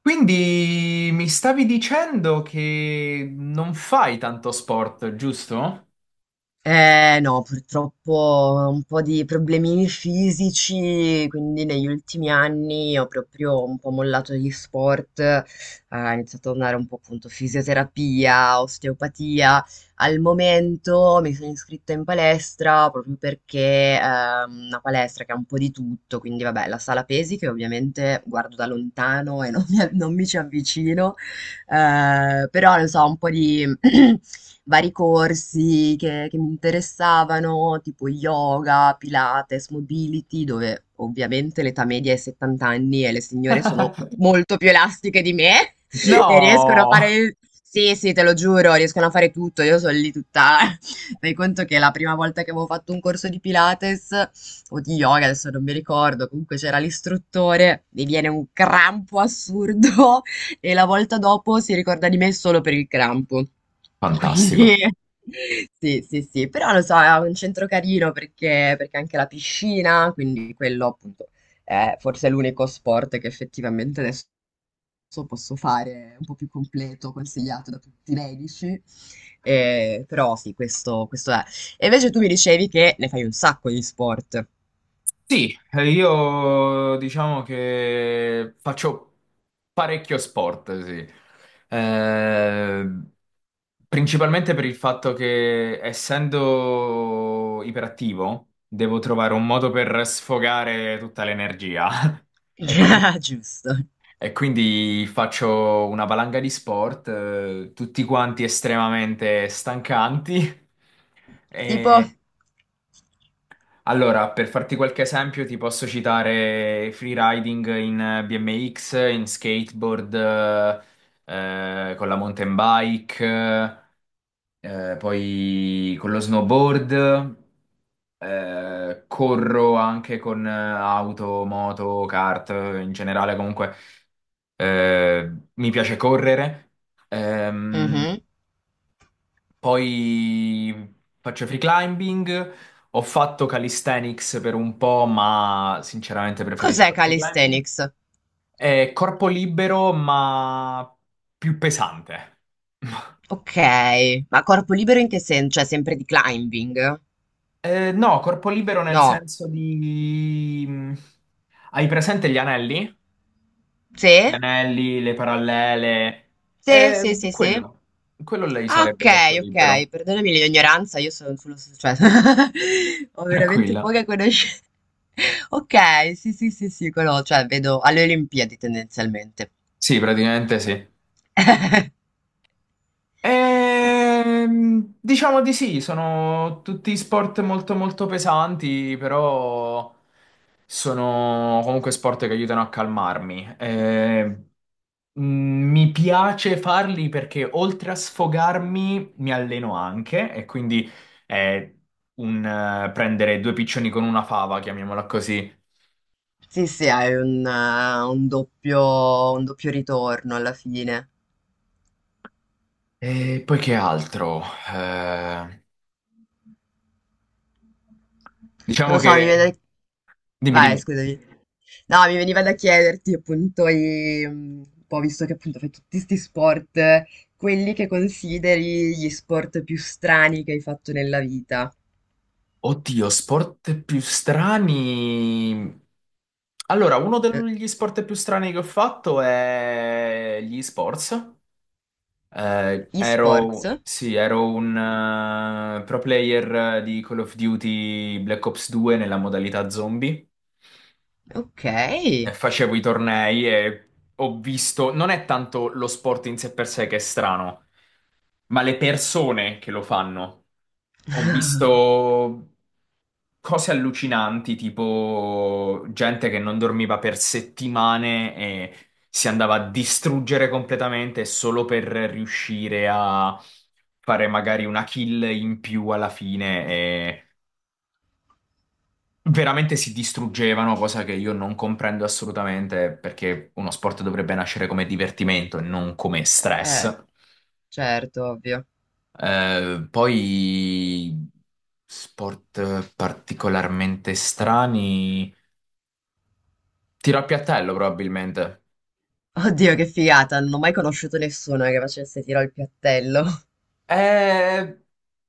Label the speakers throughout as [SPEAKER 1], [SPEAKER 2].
[SPEAKER 1] Quindi mi stavi dicendo che non fai tanto sport, giusto?
[SPEAKER 2] Eh, no, purtroppo un po' di problemini fisici, quindi negli ultimi anni ho proprio un po' mollato gli sport, ho iniziato a andare un po' appunto fisioterapia, osteopatia. Al momento mi sono iscritta in palestra proprio perché è una palestra che ha un po' di tutto, quindi vabbè, la sala pesi che ovviamente guardo da lontano e non mi, non mi ci avvicino, però non so, un po' di... vari corsi che mi interessavano, tipo yoga, Pilates, mobility, dove ovviamente l'età media è 70 anni e le signore sono molto più elastiche di me e riescono a
[SPEAKER 1] No!
[SPEAKER 2] fare... Sì, sì, te lo giuro, riescono a fare tutto. Io sono lì tutta... Fai conto che la prima volta che avevo fatto un corso di Pilates o di yoga, adesso non mi ricordo, comunque c'era l'istruttore, mi viene un crampo assurdo e la volta dopo si ricorda di me solo per il crampo. Quindi
[SPEAKER 1] Fantastico.
[SPEAKER 2] sì, sì, sì, però lo so, è un centro carino perché anche la piscina, quindi quello appunto è forse l'unico sport che effettivamente adesso posso fare un po' più completo, consigliato da tutti i medici. Però sì, questo è. E invece tu mi dicevi che ne fai un sacco di sport.
[SPEAKER 1] Sì, io diciamo che faccio parecchio sport, sì. Eh, principalmente per il fatto che essendo iperattivo devo trovare un modo per sfogare tutta l'energia. E quindi
[SPEAKER 2] Già, giusto.
[SPEAKER 1] E quindi faccio una valanga di sport, tutti quanti estremamente stancanti.
[SPEAKER 2] Tipo,
[SPEAKER 1] E allora, per farti qualche esempio, ti posso citare freeriding in BMX, in skateboard, con la mountain bike, poi con lo snowboard, corro anche con auto, moto, kart, in generale comunque, mi piace correre. Ehm,
[SPEAKER 2] mhm.
[SPEAKER 1] Poi faccio free climbing, ho fatto calisthenics per un po', ma sinceramente
[SPEAKER 2] Cos'è
[SPEAKER 1] preferisco il free climbing.
[SPEAKER 2] calisthenics?
[SPEAKER 1] È corpo libero, ma più pesante.
[SPEAKER 2] Ok, ma corpo libero in che senso? Cioè sempre di climbing?
[SPEAKER 1] No, corpo libero nel
[SPEAKER 2] No.
[SPEAKER 1] senso di... Hai presente gli anelli? Gli
[SPEAKER 2] Sì?
[SPEAKER 1] anelli, le parallele.
[SPEAKER 2] Sì, sì, sì, sì.
[SPEAKER 1] Quello, quello lei
[SPEAKER 2] Ah, ok,
[SPEAKER 1] sarebbe corpo
[SPEAKER 2] ok,
[SPEAKER 1] libero.
[SPEAKER 2] perdonami l'ignoranza, io sono sullo... cioè, ho veramente
[SPEAKER 1] Tranquilla.
[SPEAKER 2] poche conoscenze. Ok, sì, sì, sì, sì, quello, cioè vedo alle Olimpiadi tendenzialmente.
[SPEAKER 1] Sì, praticamente sì.
[SPEAKER 2] Ok,
[SPEAKER 1] Diciamo di sì, sono tutti sport molto molto pesanti, però... sono comunque sport che aiutano a calmarmi. Mi piace farli perché oltre a sfogarmi mi alleno anche, e quindi è un, prendere due piccioni con una fava, chiamiamola così.
[SPEAKER 2] sì, sì, hai un doppio ritorno alla fine.
[SPEAKER 1] E poi che altro? Eh,
[SPEAKER 2] Non
[SPEAKER 1] diciamo
[SPEAKER 2] lo so, mi
[SPEAKER 1] che...
[SPEAKER 2] viene...
[SPEAKER 1] Dimmi,
[SPEAKER 2] Vai,
[SPEAKER 1] dimmi.
[SPEAKER 2] scusami. No, mi veniva da chiederti appunto, mm, un po' visto che appunto fai tutti questi sport, quelli che consideri gli sport più strani che hai fatto nella vita.
[SPEAKER 1] Oddio, sport più strani. Allora, uno
[SPEAKER 2] Eh,
[SPEAKER 1] degli sport più strani che ho fatto è gli sports. Eh,
[SPEAKER 2] Gli
[SPEAKER 1] ero,
[SPEAKER 2] sport?
[SPEAKER 1] sì, ero un eh, pro player di Call of Duty Black Ops 2 nella modalità zombie.
[SPEAKER 2] Ok,
[SPEAKER 1] E facevo i tornei e ho visto, non è tanto lo sport in sé per sé che è strano, ma le persone che lo fanno. Ho visto cose allucinanti, tipo gente che non dormiva per settimane e si andava a distruggere completamente solo per riuscire a fare magari una kill in più alla fine, e veramente si distruggevano, cosa che io non comprendo assolutamente perché uno sport dovrebbe nascere come divertimento e non come stress.
[SPEAKER 2] certo, ovvio.
[SPEAKER 1] Poi sport particolarmente strani. Tiro a piattello, probabilmente.
[SPEAKER 2] Oddio, che figata, non ho mai conosciuto nessuno che facesse tiro al piattello.
[SPEAKER 1] Eh,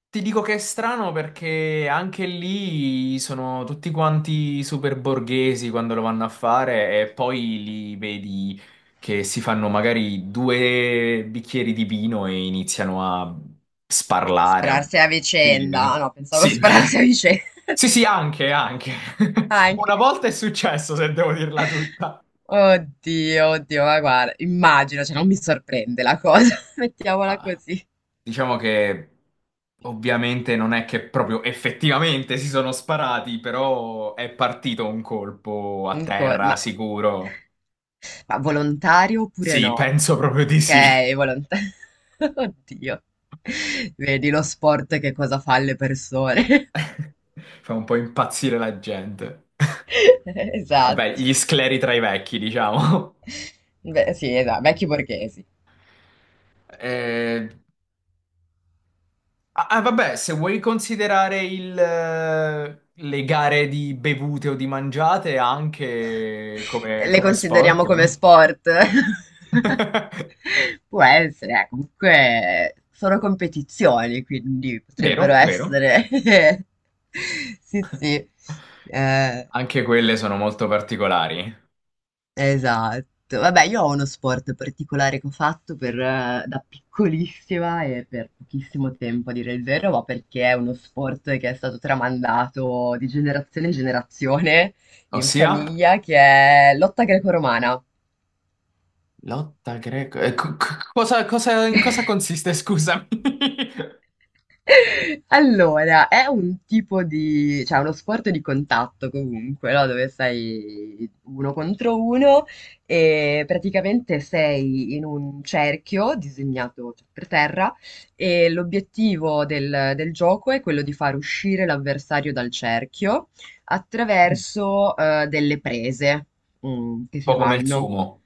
[SPEAKER 1] ti dico che è strano perché anche lì sono tutti quanti super borghesi quando lo vanno a fare, e poi li vedi che si fanno magari due bicchieri di vino e iniziano a sparlare.
[SPEAKER 2] Spararsi a
[SPEAKER 1] Sì,
[SPEAKER 2] vicenda, ah, no, pensavo
[SPEAKER 1] sì.
[SPEAKER 2] spararsi a vicenda.
[SPEAKER 1] Sì, sì, anche, anche.
[SPEAKER 2] Anche.
[SPEAKER 1] Una volta è successo, se devo dirla tutta.
[SPEAKER 2] Oddio, oddio, ma guarda, immagino, cioè non mi sorprende la cosa, mettiamola
[SPEAKER 1] Ah,
[SPEAKER 2] così.
[SPEAKER 1] diciamo che ovviamente non è che proprio effettivamente si sono sparati, però è partito un colpo a
[SPEAKER 2] Un co-
[SPEAKER 1] terra,
[SPEAKER 2] ma,
[SPEAKER 1] sicuro.
[SPEAKER 2] ma volontario oppure
[SPEAKER 1] Sì,
[SPEAKER 2] no?
[SPEAKER 1] penso proprio di sì.
[SPEAKER 2] Ok, volontario. Oddio. Vedi lo sport che cosa fa alle persone.
[SPEAKER 1] Fa un po' impazzire la gente. Vabbè,
[SPEAKER 2] Esatto.
[SPEAKER 1] gli scleri tra i vecchi, diciamo.
[SPEAKER 2] Beh, sì, esatto, vecchi borghesi.
[SPEAKER 1] Eh, ah, ah, vabbè, se vuoi considerare le gare di bevute o di mangiate anche come,
[SPEAKER 2] Le
[SPEAKER 1] come sport.
[SPEAKER 2] consideriamo come sport? Può essere, comunque sono competizioni, quindi potrebbero
[SPEAKER 1] Vero, vero.
[SPEAKER 2] essere. Sì, sì. Eh,
[SPEAKER 1] Anche quelle sono molto particolari.
[SPEAKER 2] esatto. Vabbè, io ho uno sport particolare che ho fatto per, da piccolissima e per pochissimo tempo, a dire il vero, ma perché è uno sport che è stato tramandato di generazione in generazione in
[SPEAKER 1] Ossia?
[SPEAKER 2] famiglia, che è lotta greco-romana.
[SPEAKER 1] Lotta greco. Cosa, in cosa consiste, scusami?
[SPEAKER 2] Allora, è un tipo di cioè, è uno sport di contatto comunque, no, dove sei uno contro uno e praticamente sei in un cerchio disegnato cioè, per terra e l'obiettivo del gioco è quello di far uscire l'avversario dal cerchio
[SPEAKER 1] Un
[SPEAKER 2] attraverso delle prese mm, che si
[SPEAKER 1] po' come il
[SPEAKER 2] fanno.
[SPEAKER 1] sumo.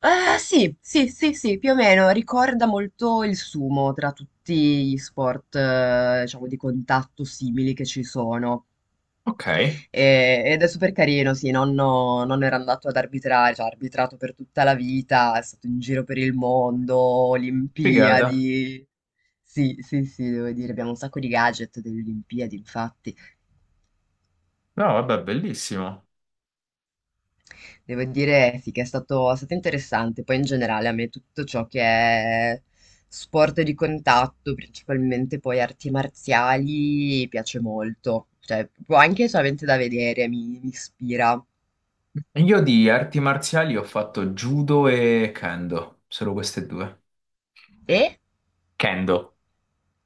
[SPEAKER 2] Ah, sì, sì, sì, sì, più o meno, ricorda molto il sumo tra tutti gli sport, diciamo, di contatto simili che ci sono.
[SPEAKER 1] Ok,
[SPEAKER 2] Ed è super carino, sì, nonno era andato ad arbitrare, cioè ha arbitrato per tutta la vita, è stato in giro per il mondo,
[SPEAKER 1] figata.
[SPEAKER 2] Olimpiadi. Sì, sì, sì, devo dire, abbiamo un sacco di gadget delle Olimpiadi, infatti.
[SPEAKER 1] No, vabbè, bellissimo.
[SPEAKER 2] Devo dire sì che è stato interessante, poi in generale a me tutto ciò che è sport di contatto, principalmente poi arti marziali, piace molto, cioè proprio anche solamente da vedere mi, mi ispira.
[SPEAKER 1] Io di arti marziali ho fatto judo e kendo, solo queste due.
[SPEAKER 2] E
[SPEAKER 1] Kendo,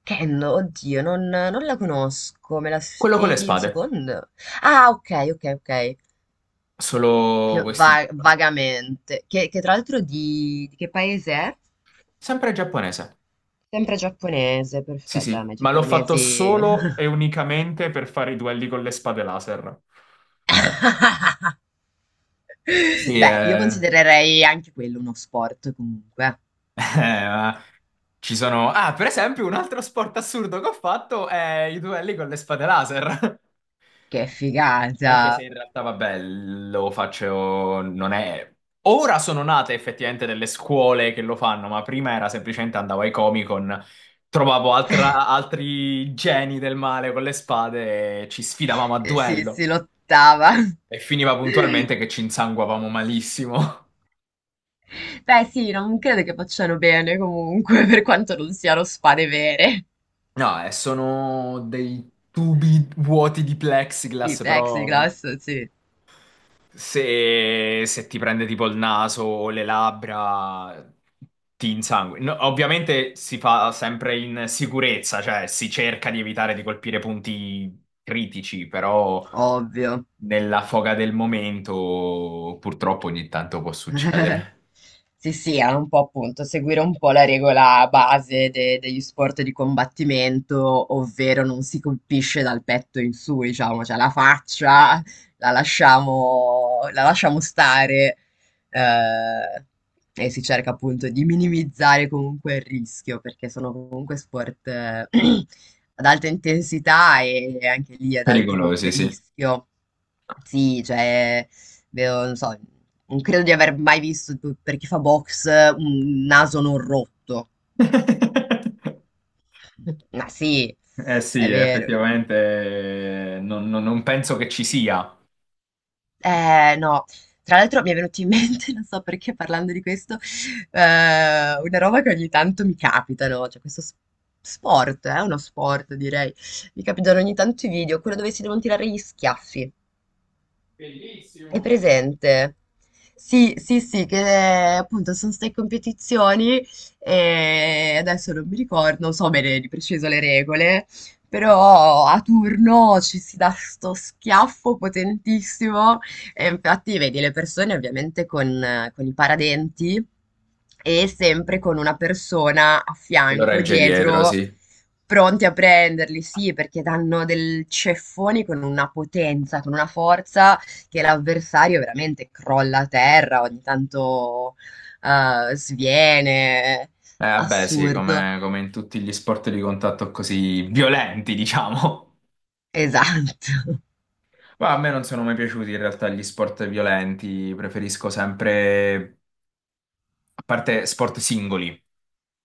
[SPEAKER 2] Ken, oddio, non la conosco, me la
[SPEAKER 1] quello con le
[SPEAKER 2] spieghi un
[SPEAKER 1] spade,
[SPEAKER 2] secondo? Ah, ok, ok, ok,
[SPEAKER 1] solo
[SPEAKER 2] più
[SPEAKER 1] questi due.
[SPEAKER 2] vagamente, che tra l'altro di che paese è?
[SPEAKER 1] Sempre giapponese.
[SPEAKER 2] Sempre giappponese,
[SPEAKER 1] Sì,
[SPEAKER 2] perfetto, a
[SPEAKER 1] sì.
[SPEAKER 2] me i
[SPEAKER 1] Ma l'ho fatto
[SPEAKER 2] giapponesi...
[SPEAKER 1] solo e unicamente per fare i duelli con le spade laser. sì,
[SPEAKER 2] Beh, io
[SPEAKER 1] eh,
[SPEAKER 2] considererei anche quello uno sport comunque.
[SPEAKER 1] eh, ma ci sono... ah, per esempio, un altro sport assurdo che ho fatto è i duelli con le spade laser.
[SPEAKER 2] Che
[SPEAKER 1] Anche se
[SPEAKER 2] figata!
[SPEAKER 1] in realtà, vabbè, lo faccio, non è... Ora sono nate effettivamente delle scuole che lo fanno, ma prima era semplicemente andavo ai Comic-Con, trovavo altri geni del male con le spade e ci sfidavamo a
[SPEAKER 2] Sì,
[SPEAKER 1] duello.
[SPEAKER 2] si lottava.
[SPEAKER 1] E finiva puntualmente che ci insanguavamo malissimo.
[SPEAKER 2] Beh, sì, non credo che facciano bene comunque, per quanto non siano spade vere.
[SPEAKER 1] No, sono dei tubi vuoti di
[SPEAKER 2] I
[SPEAKER 1] plexiglass, però...
[SPEAKER 2] plexiglass, sì,
[SPEAKER 1] se, se ti prende tipo il naso o le labbra, ti insanguina. No, ovviamente si fa sempre in sicurezza, cioè si cerca di evitare di colpire punti critici, però
[SPEAKER 2] ovvio.
[SPEAKER 1] nella foga del momento purtroppo ogni tanto può succedere.
[SPEAKER 2] Sì, sì, era un po' appunto seguire un po' la regola base degli sport di combattimento, ovvero non si colpisce dal petto in su, diciamo, cioè la faccia la lasciamo stare eh, e si cerca appunto di minimizzare comunque il rischio, perché sono comunque sport ad alta intensità e anche lì ad alto comunque
[SPEAKER 1] Pericolosi, sì.
[SPEAKER 2] rischio. Sì, cioè... Vedo, non so, non credo di aver mai visto, per chi fa box, un naso non rotto. Ma sì,
[SPEAKER 1] Eh sì,
[SPEAKER 2] è vero.
[SPEAKER 1] effettivamente non penso che ci sia.
[SPEAKER 2] No. Tra l'altro mi è venuto in mente, non so perché parlando di questo, eh, una roba che ogni tanto mi capita, no? Cioè questo sport, è uno sport direi. Mi capitano ogni tanto i video, quello dove si devono tirare gli schiaffi. È
[SPEAKER 1] Bellissimo.
[SPEAKER 2] presente? Sì, sì, sì, che appunto sono state competizioni e adesso non mi ricordo, non so bene di preciso le regole, però a turno ci si dà sto schiaffo potentissimo e infatti vedi le persone ovviamente con i paradenti e sempre con una persona a
[SPEAKER 1] Lo
[SPEAKER 2] fianco,
[SPEAKER 1] regge dietro,
[SPEAKER 2] dietro,
[SPEAKER 1] sì.
[SPEAKER 2] pronti a prenderli, sì, perché danno del ceffoni con una potenza, con una forza che l'avversario veramente crolla a terra, ogni tanto sviene.
[SPEAKER 1] Vabbè, sì,
[SPEAKER 2] Assurdo.
[SPEAKER 1] come, come in tutti gli sport di contatto così violenti, diciamo.
[SPEAKER 2] Esatto.
[SPEAKER 1] Ma a me non sono mai piaciuti in realtà gli sport violenti, preferisco sempre, a parte sport singoli,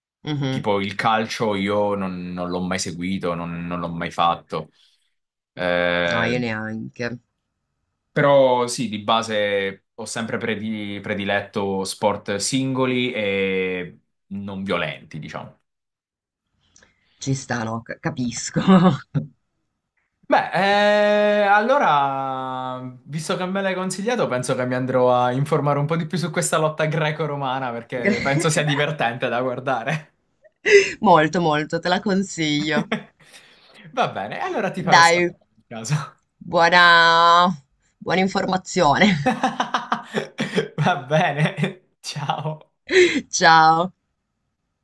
[SPEAKER 2] Mhm.
[SPEAKER 1] tipo il calcio, io non l'ho mai seguito, non l'ho mai fatto.
[SPEAKER 2] No, io
[SPEAKER 1] Eh,
[SPEAKER 2] neanche.
[SPEAKER 1] però sì, di base ho sempre prediletto sport singoli e non violenti, diciamo.
[SPEAKER 2] Ci sta, no, capisco.
[SPEAKER 1] Beh, allora, visto che me l'hai consigliato, penso che mi andrò a informare un po' di più su questa lotta greco-romana perché penso sia divertente da guardare.
[SPEAKER 2] Molto, molto, te la consiglio.
[SPEAKER 1] Va bene, allora ti farò
[SPEAKER 2] Dai,
[SPEAKER 1] sapere in caso.
[SPEAKER 2] buona, buona informazione.
[SPEAKER 1] Va bene, ciao.
[SPEAKER 2] Ciao.